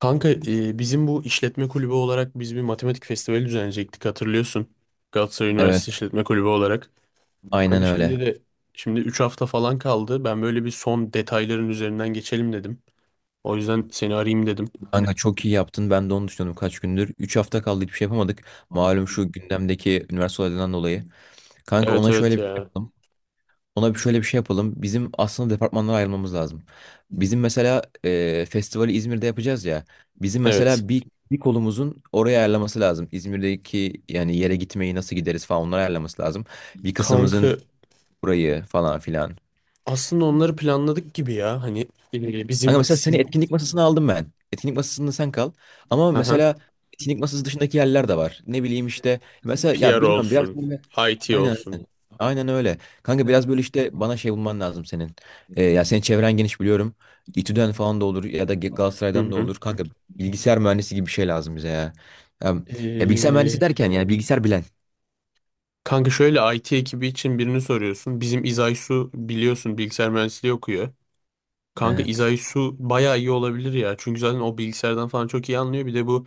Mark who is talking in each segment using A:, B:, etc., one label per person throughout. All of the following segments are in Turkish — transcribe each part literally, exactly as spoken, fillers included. A: Kanka e, bizim bu işletme kulübü olarak biz bir matematik festivali düzenleyecektik hatırlıyorsun. Galatasaray Üniversitesi
B: Evet,
A: İşletme Kulübü olarak.
B: aynen
A: Kanka
B: öyle.
A: şimdi de şimdi üç hafta falan kaldı. Ben böyle bir son detayların üzerinden geçelim dedim. O yüzden seni arayayım dedim.
B: Kanka çok iyi yaptın. Ben de onu düşünüyordum kaç gündür. Üç hafta kaldı, hiçbir şey yapamadık. Malum şu gündemdeki üniversite olaylarından dolayı. Kanka
A: Evet,
B: ona şöyle
A: evet
B: bir şey
A: ya.
B: yapalım. Ona bir şöyle bir şey yapalım. Bizim aslında departmanlara ayrılmamız lazım. Bizim mesela e, festivali İzmir'de yapacağız ya. Bizim
A: Evet.
B: mesela bir, bir kolumuzun oraya ayarlaması lazım. İzmir'deki yani yere gitmeyi nasıl gideriz falan onları ayarlaması lazım. Bir
A: Kanka
B: kısmımızın burayı falan filan.
A: aslında onları planladık gibi ya. Hani e,
B: Kanka
A: bizim
B: mesela seni
A: sim
B: etkinlik masasına aldım ben. Etkinlik masasında sen kal. Ama
A: aha,
B: mesela etkinlik masası dışındaki yerler de var. Ne bileyim işte. Mesela ya
A: P R
B: bilmiyorum biraz
A: olsun,
B: böyle.
A: I T
B: Aynen,
A: olsun.
B: aynen. Aynen öyle. Kanka biraz böyle işte bana şey bulman lazım senin. Ee, ya senin çevren geniş biliyorum. İTÜ'den falan da olur ya da Ge- Galatasaray'dan da
A: Hı
B: olur. Kanka bilgisayar mühendisi gibi bir şey lazım bize ya. Ya, ya bilgisayar
A: hı.
B: mühendisi derken yani bilgisayar bilen.
A: Kanka şöyle I T ekibi için birini soruyorsun. Bizim İzay Su biliyorsun bilgisayar mühendisliği okuyor. Kanka
B: Evet.
A: İzay Su bayağı iyi olabilir ya. Çünkü zaten o bilgisayardan falan çok iyi anlıyor. Bir de bu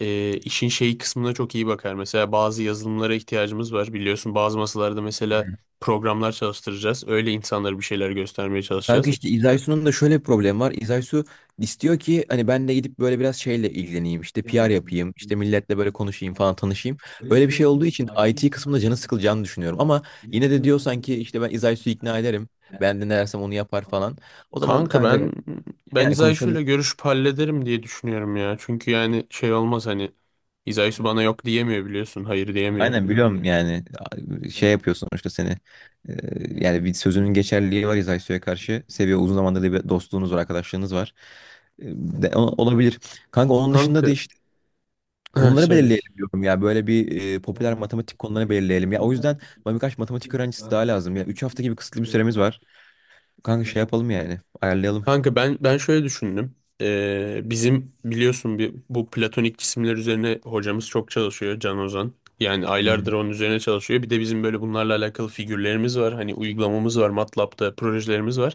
A: e, işin şeyi kısmına çok iyi bakar. Mesela bazı yazılımlara ihtiyacımız var. Biliyorsun bazı masalarda mesela programlar çalıştıracağız. Öyle insanlara bir şeyler göstermeye
B: Kanka
A: çalışacağız.
B: işte İzaysu'nun da şöyle bir problemi var. İzaysu istiyor ki hani ben de gidip böyle biraz şeyle ilgileneyim. İşte P R yapayım. İşte milletle böyle konuşayım falan tanışayım. Böyle bir şey olduğu için I T kısmında canı sıkılacağını düşünüyorum. Ama yine de diyor sanki işte ben İzaysu'yu ikna ederim. Ben de ne dersem onu yapar falan. O zaman
A: Kanka
B: kanka
A: ben ben
B: yani
A: İzaysu
B: konuşabilir.
A: ile görüşüp hallederim diye düşünüyorum ya. Çünkü yani şey olmaz hani İzaysu bana yok diyemiyor biliyorsun. Hayır diyemiyor.
B: Aynen biliyorum yani şey yapıyorsun işte seni. Ee, Yani bir sözünün geçerliliği var İzaysu'ya karşı. Seviyor, uzun zamandır da bir dostluğunuz var, arkadaşlığınız var. Ee, de- o- Olabilir. Kanka onun dışında
A: Kanka.
B: da
A: Ha,
B: konuları
A: söyle.
B: belirleyelim diyorum ya. Böyle bir e, popüler matematik konularını belirleyelim. Ya o yüzden bana birkaç matematik öğrencisi daha lazım. Ya üç hafta gibi kısıtlı bir süremiz var. Kanka şey yapalım yani. Ayarlayalım.
A: Kanka ben ben şöyle düşündüm. Ee, bizim biliyorsun bir, bu platonik cisimler üzerine hocamız çok çalışıyor Can Ozan. Yani
B: Hı hı.
A: aylardır onun üzerine çalışıyor. Bir de bizim böyle bunlarla alakalı figürlerimiz var. Hani uygulamamız var. MATLAB'da projelerimiz var.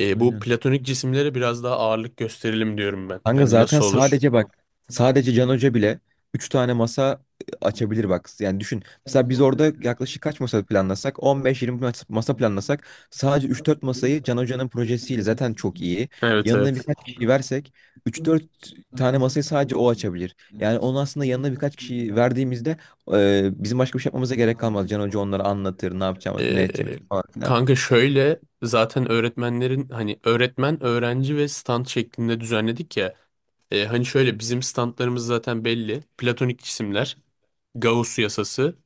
A: Ee, bu
B: Aynen.
A: platonik cisimlere biraz daha ağırlık gösterelim diyorum ben.
B: Kanka
A: Hani
B: zaten
A: nasıl olur?
B: sadece bak, sadece Can Hoca bile üç tane masa e, açabilir bak. Yani düşün. Mesela biz orada yaklaşık kaç masa planlasak? on beş, yirmi mas- masa planlasak, sadece üç dört masayı Can Hoca'nın projesiyle zaten çok iyi.
A: Evet,
B: Yanına
A: evet.
B: birkaç kişi versek üç dört tane masayı sadece o açabilir. Yani onun aslında yanına birkaç kişi verdiğimizde e, bizim başka bir şey yapmamıza gerek kalmaz. Can Hoca onları anlatır, ne yapacağımızı, ne
A: Ee,
B: edeceğimizi falan filan.
A: Kanka şöyle zaten öğretmenlerin hani öğretmen, öğrenci ve stand şeklinde düzenledik ya. Ee, hani şöyle bizim standlarımız zaten belli. Platonik cisimler, Gauss yasası.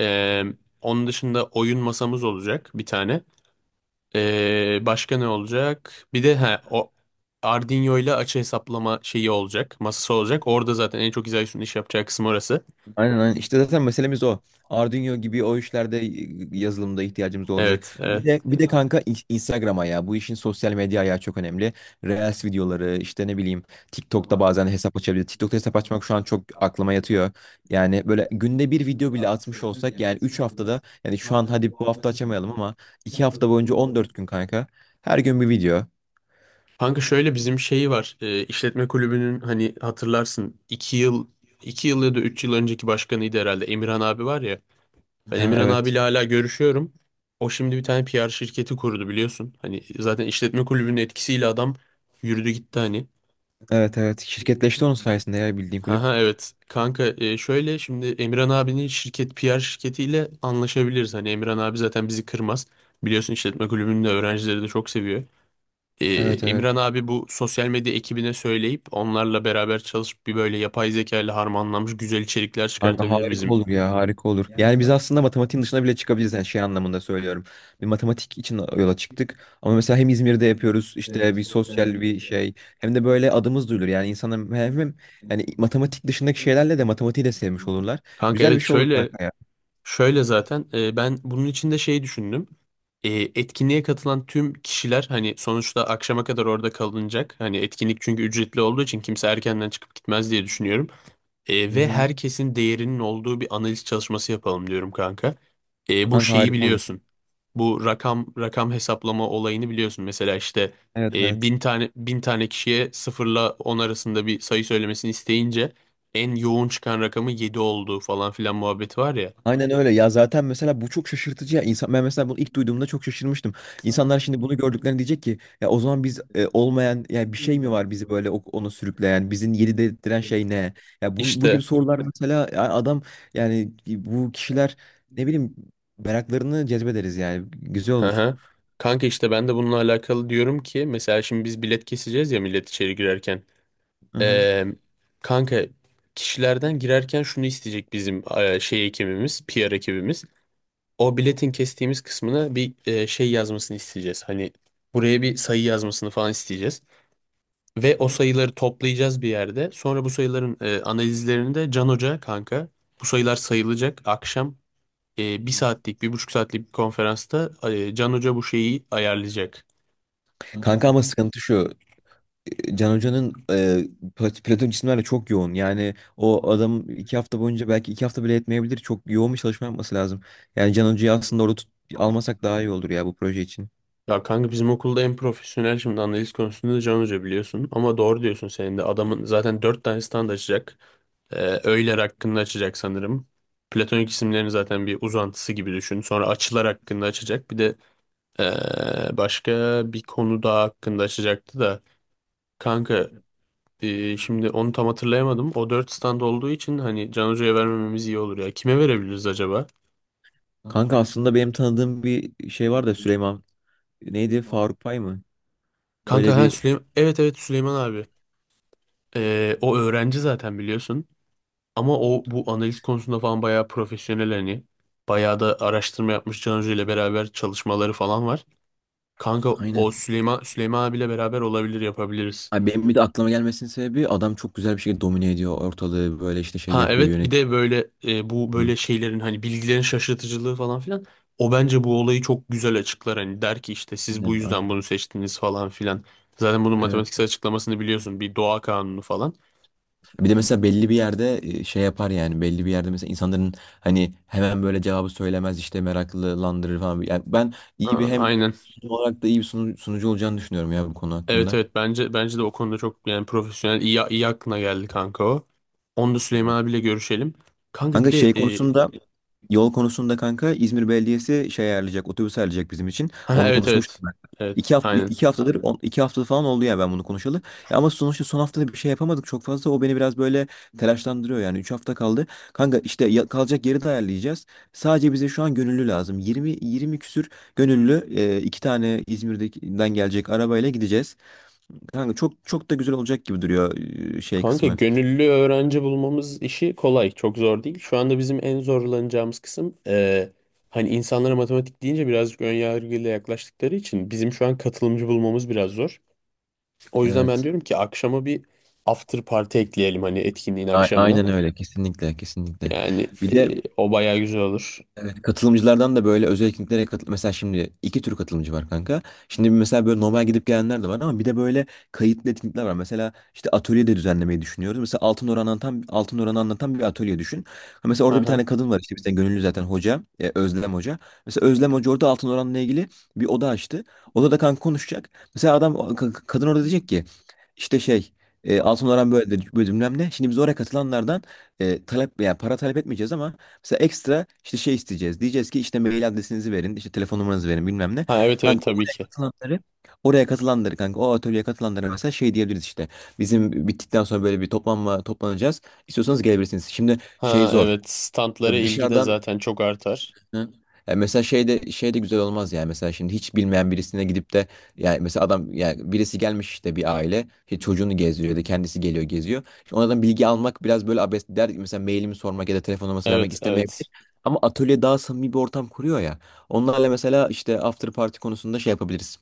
A: ee, Onun dışında oyun masamız olacak bir tane. Ee, başka ne olacak? Bir de he, o Arduino ile açı hesaplama şeyi olacak. Masası olacak. Orada zaten en çok İzahi'nin iş yapacağı kısım orası.
B: Aynen, aynen. İşte zaten meselemiz o. Arduino gibi o işlerde e, yazılımda ihtiyacımız olacak.
A: Evet,
B: Bir
A: evet.
B: de bir de kanka in- Instagram'a ya. Bu işin sosyal medya ayağı çok önemli. Reels videoları işte, ne bileyim, TikTok'ta bazen hesap açabiliriz. TikTok'ta hesap açmak şu an çok aklıma yatıyor. Yani böyle günde bir video bile atmış olsak yani üç haftada, yani şu an hadi bu hafta açamayalım ama iki hafta boyunca on dört gün kanka. Her gün bir video.
A: Kanka şöyle bizim şeyi var. E, işletme kulübünün hani hatırlarsın iki yıl iki yıl ya da üç yıl önceki başkanıydı herhalde Emirhan abi var ya. Ben, evet.
B: Ha,
A: Emirhan
B: evet.
A: abiyle hala görüşüyorum. O şimdi bir tane P R şirketi kurdu biliyorsun. Hani zaten işletme kulübünün etkisiyle adam yürüdü gitti hani.
B: Evet, evet. Şirketleşti onun sayesinde ya, bildiğin
A: Ha,
B: kulüp.
A: ha, evet. Kanka e, şöyle şimdi Emirhan abinin şirket P R şirketiyle anlaşabiliriz. Hani Emirhan abi zaten bizi kırmaz. Biliyorsun işletme kulübünün de öğrencileri de çok seviyor. Ee,
B: Evet, evet.
A: Emirhan abi bu sosyal medya ekibine söyleyip onlarla beraber çalışıp bir böyle yapay zeka ile harmanlanmış güzel içerikler
B: Kanka
A: çıkartabilir
B: harika
A: bizim.
B: olur ya, harika olur. Yani biz aslında matematiğin dışına bile çıkabiliriz, yani şey anlamında söylüyorum. Bir matematik için yola çıktık. Ama mesela hem İzmir'de yapıyoruz işte bir sosyal bir şey, hem de böyle adımız duyulur. Yani insana hem, hem yani matematik dışındaki şeylerle de matematiği de sevmiş olurlar.
A: Kanka
B: Güzel bir
A: evet
B: şey olur
A: şöyle
B: kanka ya.
A: şöyle zaten e, ben bunun için de şey düşündüm. E, Etkinliğe katılan tüm kişiler hani sonuçta akşama kadar orada kalınacak. Hani etkinlik çünkü ücretli olduğu için kimse erkenden çıkıp gitmez diye düşünüyorum. E,
B: Hı
A: ve
B: hı.
A: herkesin değerinin olduğu bir analiz çalışması yapalım diyorum kanka. E, bu
B: Kanka
A: şeyi
B: harika olur.
A: biliyorsun. Bu rakam rakam hesaplama olayını biliyorsun. Mesela işte
B: Evet,
A: e,
B: evet.
A: bin tane bin tane kişiye sıfırla on arasında bir sayı söylemesini isteyince en yoğun çıkan rakamı yedi olduğu falan filan muhabbeti var ya.
B: Aynen öyle ya. Zaten mesela bu çok şaşırtıcı ya, insan, ben mesela bunu ilk duyduğumda çok şaşırmıştım. İnsanlar şimdi bunu gördüklerinde diyecek ki ya o zaman biz e, olmayan ya bir şey mi var bizi böyle o- onu sürükleyen, bizim yeri dedirten şey ne? Ya bu, bu gibi
A: İşte,
B: sorular mesela, ya adam, yani bu kişiler, ne bileyim, meraklarını cezbederiz yani, güzel
A: hı
B: olur.
A: hı. Kanka işte ben de bununla alakalı diyorum ki mesela şimdi biz bilet keseceğiz ya millet içeri girerken.
B: Hı hı.
A: Ee, Kanka kişilerden girerken şunu isteyecek bizim e, şey ekibimiz, P R ekibimiz. O biletin kestiğimiz kısmına bir e, şey yazmasını isteyeceğiz. Hani buraya bir sayı yazmasını falan isteyeceğiz. Ve o sayıları toplayacağız bir yerde. Sonra bu sayıların e, analizlerini de Can Hoca kanka. Bu sayılar sayılacak. Akşam e, bir saatlik, bir buçuk saatlik bir konferansta e, Can Hoca bu şeyi ayarlayacak.
B: Kanka ama sıkıntı şu. Can Hoca'nın e, Plat- Platon cisimlerle çok yoğun. Yani o adam iki hafta boyunca, belki iki hafta bile etmeyebilir. Çok yoğun bir çalışma yapması lazım. Yani Can Hoca'yı aslında orada tut- almasak daha iyi olur ya bu proje için.
A: Ya kanka bizim okulda en profesyonel şimdi analiz konusunda da Can Hoca biliyorsun. Ama doğru diyorsun senin de. Adamın zaten dört tane stand açacak. Ee, öğeler hakkında açacak sanırım. Platonik isimlerin zaten bir uzantısı gibi düşün. Sonra açılar hakkında açacak. Bir de ee, başka bir konu daha hakkında açacaktı da. Kanka ee, şimdi onu tam hatırlayamadım. O dört stand olduğu için hani Can Hoca'ya vermememiz iyi olur ya. Kime verebiliriz acaba?
B: Kanka aslında benim tanıdığım bir şey var da, Süleyman. Neydi? Faruk Pay mı?
A: Kanka,
B: Öyle
A: ha,
B: bir
A: Süleyman. Evet, evet, Süleyman abi. Ee, o öğrenci zaten biliyorsun. Ama o bu analiz konusunda falan bayağı profesyonel hani. Bayağı da araştırma yapmış Can ile beraber çalışmaları falan var. Kanka
B: aynen.
A: o Süleyman Süleyman abiyle beraber olabilir yapabiliriz.
B: Abi benim bir de aklıma gelmesinin sebebi, adam çok güzel bir şekilde domine ediyor ortalığı, böyle işte şey
A: Ha
B: yapıyor,
A: evet, bir
B: yönetiyor.
A: de böyle e, bu
B: Hı.
A: böyle şeylerin hani bilgilerin şaşırtıcılığı falan filan. O bence bu olayı çok güzel açıklar hani der ki işte siz bu
B: Aynen,
A: yüzden
B: aynen.
A: bunu seçtiniz falan filan. Zaten bunun
B: Evet.
A: matematiksel açıklamasını biliyorsun bir doğa kanunu falan.
B: Bir de mesela belli bir yerde e, şey yapar yani, belli bir yerde mesela insanların hani hemen böyle cevabı söylemez, işte meraklılandırır falan. Yani ben iyi bir
A: Ha,
B: hem
A: aynen.
B: sunum olarak da iyi bir sunu- sunucu olacağını düşünüyorum ya bu konu
A: Evet,
B: hakkında.
A: evet, bence bence de o konuda çok yani profesyonel iyi, iyi aklına geldi kanka o. Onu da Süleyman abiyle görüşelim. Kanka bir
B: Kanka
A: de
B: şey
A: e,
B: konusunda, yol konusunda kanka, İzmir Belediyesi şey ayarlayacak, otobüs ayarlayacak bizim için.
A: ha,
B: Onu
A: evet,
B: konuşmuştum
A: evet.
B: ben.
A: Evet,
B: İki hafta
A: aynen.
B: iki haftadır on- iki hafta falan oldu ya ben bunu konuşalı. Ya ama sonuçta son haftada bir şey yapamadık çok fazla. O beni biraz böyle telaşlandırıyor yani. Üç hafta kaldı. Kanka işte ya- kalacak yeri de ayarlayacağız. Sadece bize şu an gönüllü lazım. Yirmi, yirmi küsür gönüllü, e, iki tane İzmir'den gelecek arabayla gideceğiz. Kanka çok çok da güzel olacak gibi duruyor e, şey
A: Kanka
B: kısmı.
A: gönüllü öğrenci bulmamız işi kolay. Çok zor değil. Şu anda bizim en zorlanacağımız kısım e, hani insanlara matematik deyince birazcık ön yargıyla yaklaştıkları için bizim şu an katılımcı bulmamız biraz zor. O yüzden ben
B: Evet.
A: diyorum ki akşama bir after party ekleyelim hani etkinliğin
B: A-
A: akşamına.
B: Aynen öyle, kesinlikle, kesinlikle.
A: Yani
B: Bir de
A: e, o bayağı güzel olur.
B: evet, katılımcılardan da böyle özel etkinliklere katıl, mesela şimdi iki tür katılımcı var kanka. Şimdi bir, mesela böyle normal gidip gelenler de var, ama bir de böyle kayıtlı etkinlikler var. Mesela işte atölye de düzenlemeyi düşünüyoruz. Mesela Altın Oran'ı anlatan, Altın Oran'ı anlatan bir atölye düşün. Ha, mesela orada bir
A: Aha.
B: tane kadın var işte bizden gönüllü, zaten hoca, e, Özlem Hoca. Mesela Özlem Hoca orada Altın Oran'la ilgili bir oda açtı. Odada kanka konuşacak. Mesela adam, ka- kadın orada diyecek ki işte şey, e, Altın Oran böyle de böyle bilmem ne. Şimdi biz oraya katılanlardan e, talep, yani para talep etmeyeceğiz ama mesela ekstra işte şey isteyeceğiz. Diyeceğiz ki işte mail adresinizi verin, işte telefon numaranızı verin bilmem ne.
A: Ha, evet, evet,
B: Kanka
A: tabii
B: oraya
A: ki.
B: katılanları, oraya katılanları kanka o atölyeye katılanlara mesela şey diyebiliriz işte. Bizim bittikten sonra böyle bir toplanma, toplanacağız. İstiyorsanız gelebilirsiniz. Şimdi şey
A: Ha
B: zor.
A: evet, standlara
B: Ya,
A: ilgi de
B: dışarıdan.
A: zaten çok artar.
B: Hı. Ya mesela şey de, şey de güzel olmaz yani, mesela şimdi hiç bilmeyen birisine gidip de, yani mesela adam, yani birisi gelmiş işte, bir aile işte çocuğunu gezdiriyor ya da kendisi geliyor geziyor. Şimdi onlardan bilgi almak biraz böyle abes der, mesela mailimi sormak ya da telefon numarasını vermek
A: Evet,
B: istemeyebilir.
A: evet.
B: Ama atölye daha samimi bir ortam kuruyor ya. Onlarla mesela işte after party konusunda şey yapabiliriz.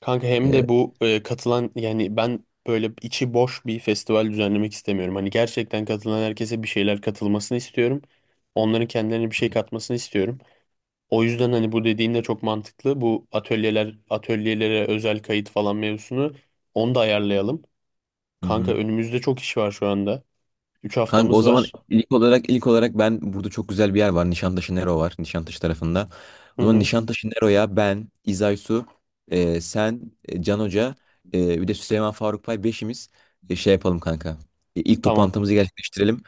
A: Kanka hem
B: Ee,
A: de bu e, katılan yani ben böyle içi boş bir festival düzenlemek istemiyorum. Hani gerçekten katılan herkese bir şeyler katılmasını istiyorum. Onların kendilerine bir şey katmasını istiyorum. O yüzden hani bu dediğin de çok mantıklı. Bu atölyeler atölyelere özel kayıt falan mevzusunu onu da ayarlayalım.
B: hı
A: Kanka
B: hı.
A: önümüzde çok iş var şu anda. üç
B: Kanka o
A: haftamız
B: zaman
A: var.
B: ilk olarak ilk olarak ben, burada çok güzel bir yer var. Nişantaşı Nero var. Nişantaşı tarafında.
A: Hı
B: O zaman
A: hı.
B: Nişantaşı Nero'ya ben, İzaysu, e, sen, e, Can Hoca, e, bir de Süleyman Faruk Pay, beşimiz e, şey yapalım kanka. E, İlk
A: Tamam.
B: toplantımızı gerçekleştirelim.